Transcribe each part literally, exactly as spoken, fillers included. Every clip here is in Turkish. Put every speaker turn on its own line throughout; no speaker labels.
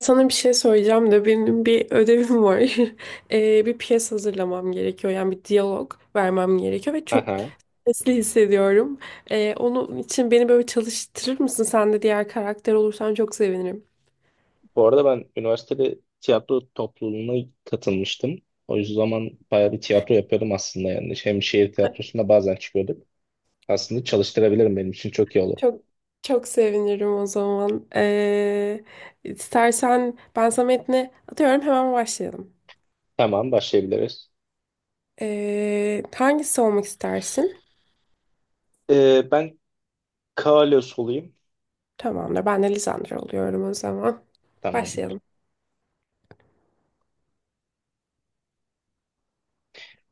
Sana bir şey söyleyeceğim de benim bir ödevim var. Ee, bir piyes hazırlamam gerekiyor. Yani bir diyalog vermem gerekiyor ve çok
Aha.
stresli hissediyorum. Ee, onun için beni böyle çalıştırır mısın? Sen de diğer karakter olursan çok sevinirim.
Bu arada ben üniversitede tiyatro topluluğuna katılmıştım. O yüzden zaman bayağı bir tiyatro yapıyordum aslında yani. Şey, Hem şehir tiyatrosunda bazen çıkıyorduk. Aslında çalıştırabilirim, benim için çok iyi olur.
Çok çok sevinirim o zaman. Ee, istersen ben sana metni atıyorum hemen başlayalım.
Tamam, başlayabiliriz.
Ee, hangisi olmak istersin?
Ee, ben Kalos olayım.
Tamamdır. Ben de Lisandro oluyorum o zaman.
Tamam.
Başlayalım.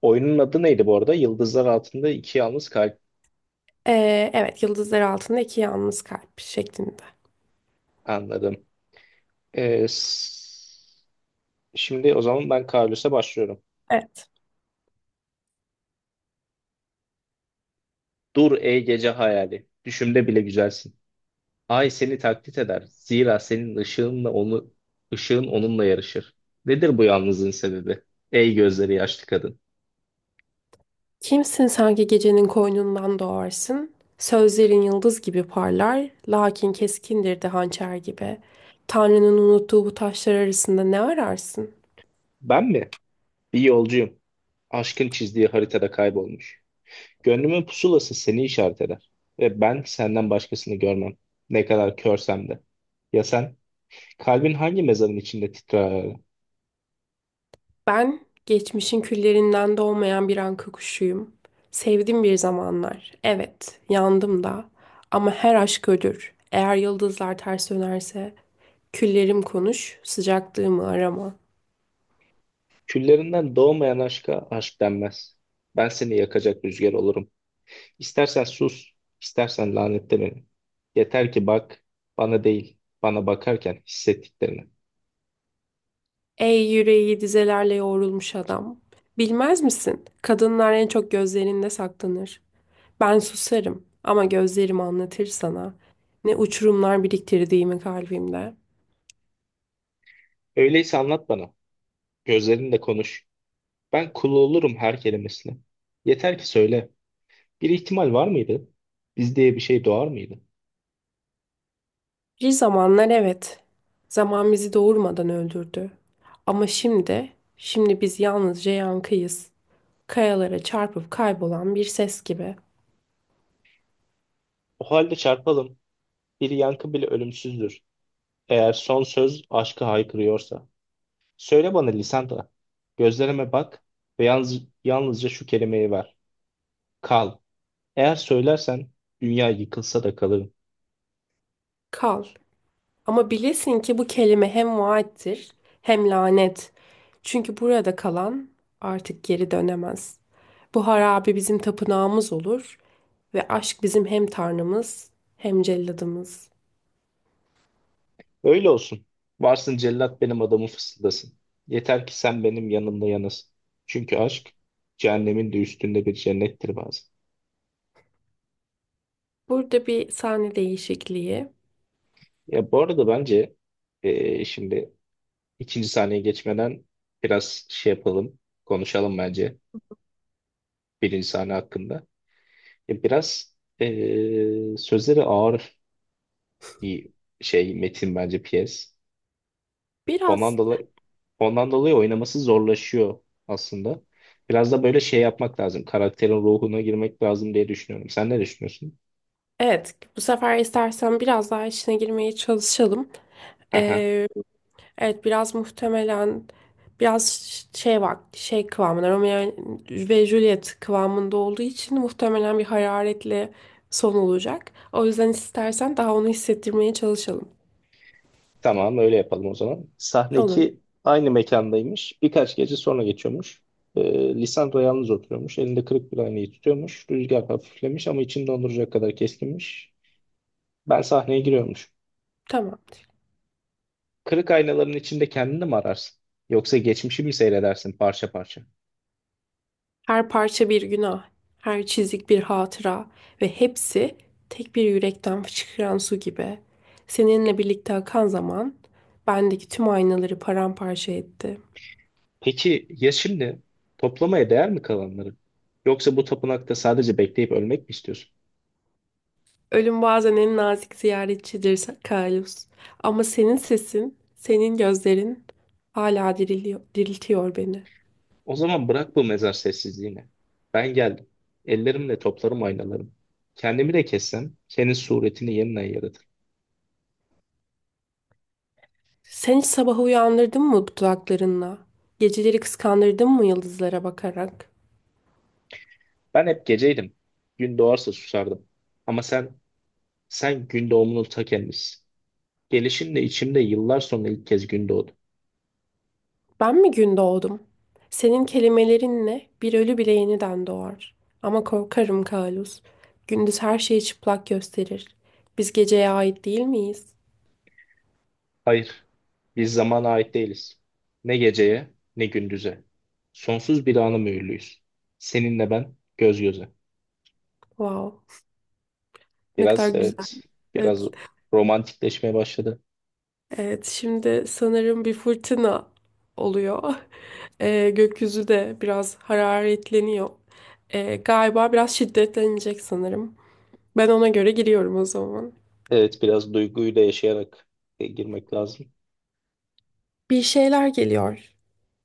Oyunun adı neydi bu arada? Yıldızlar Altında İki Yalnız Kalp.
Ee, evet, yıldızlar altında iki yalnız kalp şeklinde.
Anladım. Ee, s- şimdi o zaman ben Kalos'a başlıyorum.
Evet.
Dur ey gece hayali. Düşümde bile güzelsin. Ay seni taklit eder. Zira senin ışığınla onu ışığın onunla yarışır. Nedir bu yalnızlığın sebebi? Ey gözleri yaşlı kadın.
Kimsin sanki gecenin koynundan doğarsın? Sözlerin yıldız gibi parlar, lakin keskindir de hançer gibi. Tanrı'nın unuttuğu bu taşlar arasında ne ararsın?
Ben mi? Bir yolcuyum. Aşkın çizdiği haritada kaybolmuş. Gönlümün pusulası seni işaret eder. Ve ben senden başkasını görmem. Ne kadar körsem de. Ya sen? Kalbin hangi mezarın içinde titrer?
Ben geçmişin küllerinden doğmayan bir anka kuşuyum. Sevdim bir zamanlar. Evet, yandım da. Ama her aşk ölür. Eğer yıldızlar ters dönerse, küllerim konuş, sıcaklığımı arama.
Küllerinden doğmayan aşka aşk denmez. Ben seni yakacak rüzgar olurum. İstersen sus, istersen lanetle beni. Yeter ki bak, bana değil, bana bakarken hissettiklerini.
Ey yüreği dizelerle yoğrulmuş adam. Bilmez misin? Kadınlar en çok gözlerinde saklanır. Ben susarım ama gözlerim anlatır sana. Ne uçurumlar biriktirdiğimi kalbimde.
Öyleyse anlat bana, gözlerinle konuş. Ben kulu olurum her kelimesine. Yeter ki söyle, bir ihtimal var mıydı? Biz diye bir şey doğar mıydı?
Bir zamanlar evet. Zaman bizi doğurmadan öldürdü. Ama şimdi, şimdi biz yalnızca yankıyız. Kayalara çarpıp kaybolan bir ses gibi.
O halde çarpalım, bir yankı bile ölümsüzdür. Eğer son söz aşkı haykırıyorsa. Söyle bana Lisandra, gözlerime bak ve yalnız, yalnızca şu kelimeyi ver. Kal. Eğer söylersen, dünya yıkılsa da kalırım.
Kal. Ama bilesin ki bu kelime hem vaattir hem lanet. Çünkü burada kalan artık geri dönemez. Bu harabe bizim tapınağımız olur ve aşk bizim hem tanrımız hem celladımız.
Öyle olsun. Varsın cellat benim adamı fısıldasın. Yeter ki sen benim yanımda yanasın. Çünkü aşk cehennemin de üstünde bir cennettir bazen.
Burada bir sahne değişikliği.
Ya, bu arada bence eee, şimdi ikinci sahneye geçmeden biraz şey yapalım, konuşalım bence birinci sahne hakkında. Ya biraz eee, sözleri ağır bir şey metin bence piyes. Ondan
Biraz
dolayı ondan dolayı oynaması zorlaşıyor aslında. Biraz da böyle şey yapmak lazım. Karakterin ruhuna girmek lazım diye düşünüyorum. Sen ne düşünüyorsun?
evet, bu sefer istersen biraz daha içine girmeye çalışalım.
Aha,
Ee, Evet, biraz muhtemelen biraz şey var, şey kıvamında, Romeo ve Juliet kıvamında olduğu için muhtemelen bir hararetli son olacak. O yüzden istersen daha onu hissettirmeye çalışalım.
tamam, öyle yapalım o zaman. Sahne
Olur.
iki aynı mekandaymış. Birkaç gece sonra geçiyormuş. Ee, Lisandro yalnız oturuyormuş. Elinde kırık bir aynayı tutuyormuş. Rüzgar hafiflemiş ama içini donduracak kadar keskinmiş. Ben sahneye giriyormuş.
Tamamdır.
Kırık aynaların içinde kendini mi ararsın? Yoksa geçmişi mi seyredersin parça parça?
Her parça bir günah, her çizik bir hatıra ve hepsi tek bir yürekten fışkıran su gibi. Seninle birlikte akan zaman bendeki tüm aynaları paramparça etti.
Peki ya şimdi toplamaya değer mi kalanları? Yoksa bu tapınakta sadece bekleyip ölmek mi istiyorsun?
Ölüm bazen en nazik ziyaretçidir Carlos. Ama senin sesin, senin gözlerin hala diriliyor, diriltiyor beni.
O zaman bırak bu mezar sessizliğini. Ben geldim. Ellerimle toplarım aynalarımı. Kendimi de kessem senin suretini yeniden yaratır.
Sen hiç sabahı uyandırdın mı dudaklarınla? Geceleri kıskandırdın mı yıldızlara bakarak?
Ben hep geceydim. Gün doğarsa susardım. Ama sen, sen gün doğumunun ta kendisisin. Gelişinle içimde yıllar sonra ilk kez gün doğdu.
Ben mi gün doğdum? Senin kelimelerinle bir ölü bile yeniden doğar. Ama korkarım Kalus, gündüz her şeyi çıplak gösterir. Biz geceye ait değil miyiz?
Hayır, biz zamana ait değiliz. Ne geceye, ne gündüze. Sonsuz bir ana mühürlüyüz. Seninle ben göz göze.
Wow, ne kadar
Biraz
güzel.
evet, biraz
Evet.
romantikleşmeye başladı.
Evet, şimdi sanırım bir fırtına oluyor. Ee, gökyüzü de biraz hararetleniyor. Ee, galiba biraz şiddetlenecek sanırım. Ben ona göre giriyorum o zaman.
Evet, biraz duyguyu da yaşayarak e, girmek lazım.
Bir şeyler geliyor.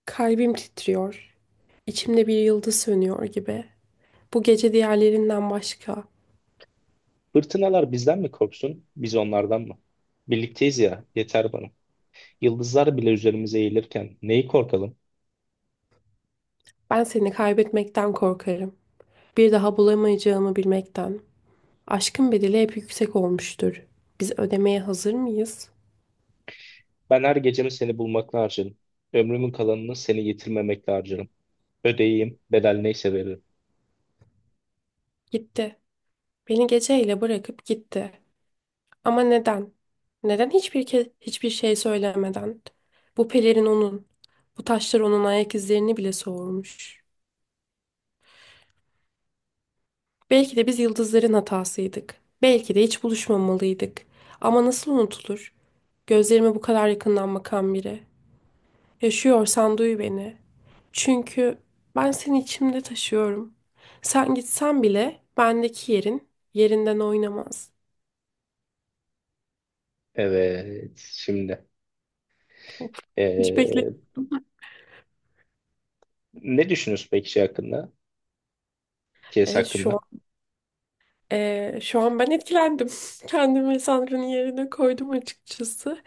Kalbim titriyor. İçimde bir yıldız sönüyor gibi. Bu gece diğerlerinden başka.
Fırtınalar bizden mi korksun, biz onlardan mı? Birlikteyiz ya, yeter bana. Yıldızlar bile üzerimize eğilirken neyi korkalım?
Ben seni kaybetmekten korkarım. Bir daha bulamayacağımı bilmekten. Aşkın bedeli hep yüksek olmuştur. Biz ödemeye hazır mıyız?
Ben her gecemi seni bulmakla harcarım. Ömrümün kalanını seni yitirmemekle harcarım. Ödeyeyim, bedel neyse veririm.
Gitti. Beni geceyle bırakıp gitti. Ama neden? Neden hiçbir ke hiçbir şey söylemeden? Bu pelerin onun. Bu taşlar onun ayak izlerini bile soğurmuş. Belki de biz yıldızların hatasıydık. Belki de hiç buluşmamalıydık. Ama nasıl unutulur? Gözlerime bu kadar yakından bakan biri. Yaşıyorsan duy beni. Çünkü ben seni içimde taşıyorum. Sen gitsen bile bendeki yerin yerinden oynamaz.
Evet, şimdi.
Of, hiç bekle.
Ee, ne düşünüyorsun peki şey hakkında? Kes
Evet şu
hakkında.
Ee, şu an ben etkilendim. Kendimi Sandra'nın yerine koydum açıkçası.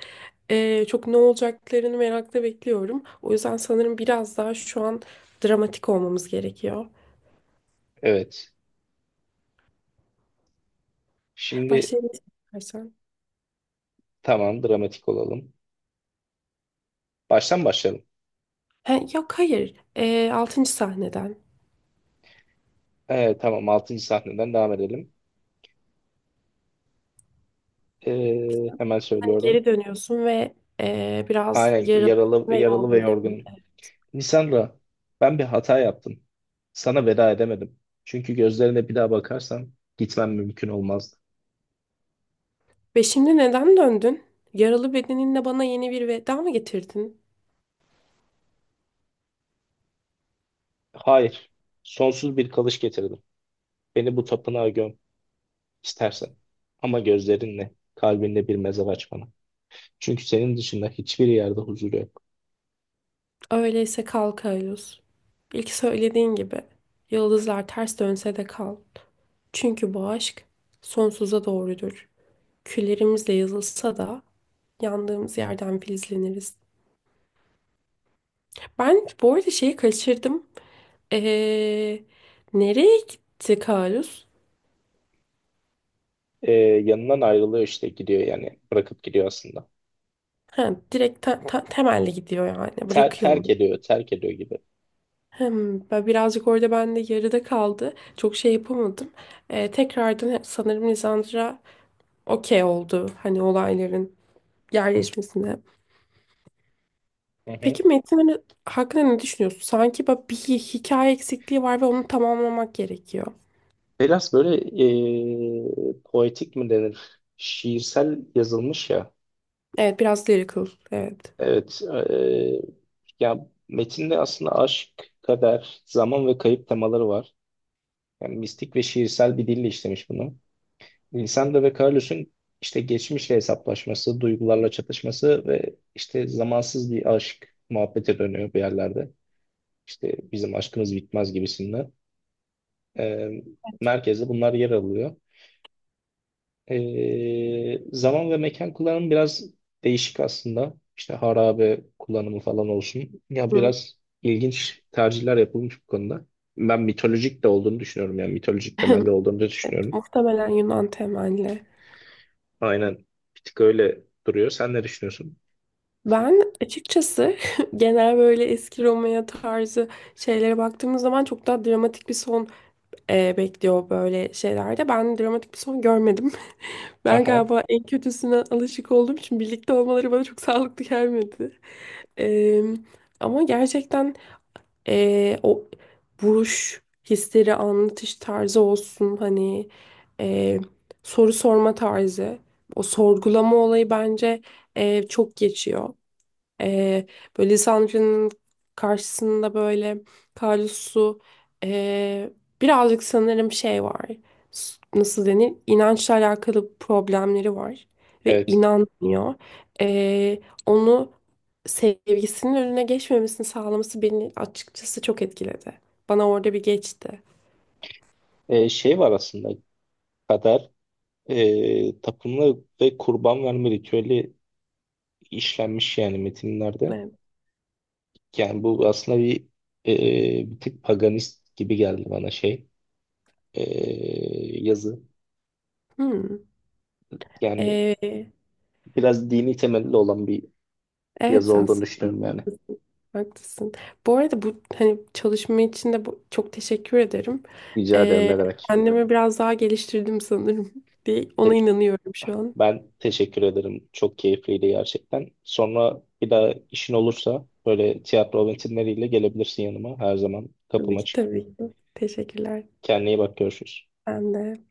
Ee, çok ne olacaklarını merakla bekliyorum. O yüzden sanırım biraz daha şu an dramatik olmamız gerekiyor.
Evet. Şimdi
Başlayalım istersen.
tamam, dramatik olalım. Baştan başlayalım.
Ha, yok, hayır. Ee, altıncı sahneden.
Ee, tamam altıncı sahneden devam edelim. Ee, hemen
Hani
söylüyorum.
geri dönüyorsun ve ee, biraz
Aynen,
yaralı
yaralı,
ve
yaralı ve
yorgunsun.
yorgunum. Lisandra, ben bir hata yaptım. Sana veda edemedim. Çünkü gözlerine bir daha bakarsam gitmem mümkün olmazdı.
Ve şimdi neden döndün? Yaralı bedeninle bana yeni bir veda mı getirdin?
Hayır. Sonsuz bir kalış getirdim. Beni bu tapınağa göm istersen. Ama gözlerinle, kalbinle bir mezar aç bana. Çünkü senin dışında hiçbir yerde huzur yok.
Öyleyse kal Kaylus. İlk söylediğin gibi yıldızlar ters dönse de kal. Çünkü bu aşk sonsuza doğrudur. Küllerimizle yazılsa da yandığımız yerden filizleniriz. Ben bu arada şeyi kaçırdım. Ee, Nereye gitti Kalus?
Ee, yanından ayrılıyor işte, gidiyor yani, bırakıp gidiyor aslında.
Ha, direkt te- te- temelli gidiyor yani.
Ter-
Bırakıyor
terk
onu.
ediyor, terk ediyor gibi.
Hem ben birazcık orada ben de yarıda kaldı. Çok şey yapamadım. Ee, tekrardan sanırım Lisandra okey oldu. Hani olayların yerleşmesine.
Hı hı.
Peki Metin hani hakkında ne düşünüyorsun? Sanki bak bir hi- hikaye eksikliği var ve onu tamamlamak gerekiyor.
Biraz böyle ee, poetik mi denir? Şiirsel yazılmış ya.
Evet, biraz lyrical. Evet.
Evet. ee, ya metinde aslında aşk, kader, zaman ve kayıp temaları var. Yani mistik ve şiirsel bir dille işlemiş bunu. Lisandro ve Carlos'un işte geçmişle hesaplaşması, duygularla çatışması ve işte zamansız bir aşk muhabbete dönüyor bir yerlerde. İşte bizim aşkımız bitmez gibisinden. Ee, merkezde bunlar yer alıyor. Ee, zaman ve mekan kullanımı biraz değişik aslında. İşte harabe kullanımı falan olsun. Ya
Hı.
biraz ilginç tercihler yapılmış bu konuda. Ben mitolojik de olduğunu düşünüyorum. Yani mitolojik temelli olduğunu da
Evet,
düşünüyorum.
muhtemelen Yunan temelli.
Aynen. Bir tık öyle duruyor. Sen ne düşünüyorsun?
Ben açıkçası genel böyle eski Roma'ya tarzı şeylere baktığımız zaman çok daha dramatik bir son e, bekliyor böyle şeylerde. Ben dramatik bir son görmedim. Ben
Aha,
galiba en kötüsüne alışık olduğum için birlikte olmaları bana çok sağlıklı gelmedi. Em, ama gerçekten e, o vuruş hisleri anlatış tarzı olsun, hani e, soru sorma tarzı, o sorgulama olayı bence e, çok geçiyor. Ee, Böyle Sandria'nın karşısında böyle Kalus'u ee, birazcık sanırım şey var. S- Nasıl denir? İnançla alakalı problemleri var. Ve
evet.
inanmıyor. Ee, onu sevgisinin önüne geçmemesini sağlaması beni açıkçası çok etkiledi. Bana orada bir geçti.
Ee, şey var aslında, kader, e, tapınma ve kurban verme ritüeli işlenmiş yani metinlerde.
Evet.
Yani bu aslında bir e, bir tık paganist gibi geldi bana, şey e, yazı.
Hmm.
Yani
Ee,
biraz dini temelli olan bir yazı
evet,
olduğunu
aslında.
düşünüyorum yani.
Haklısın. Bu arada bu, hani çalışma için de bu, çok teşekkür ederim.
Rica ederim,
Ee,
ne demek.
Kendimi biraz daha geliştirdim sanırım diye ona
Te-
inanıyorum şu an.
ben teşekkür ederim. Çok keyifliydi gerçekten. Sonra bir daha işin olursa böyle tiyatro metinleriyle gelebilirsin yanıma. Her zaman
Tabii
kapım
ki,
açık.
tabii ki. Teşekkürler.
Kendine iyi bak, görüşürüz.
Ben de.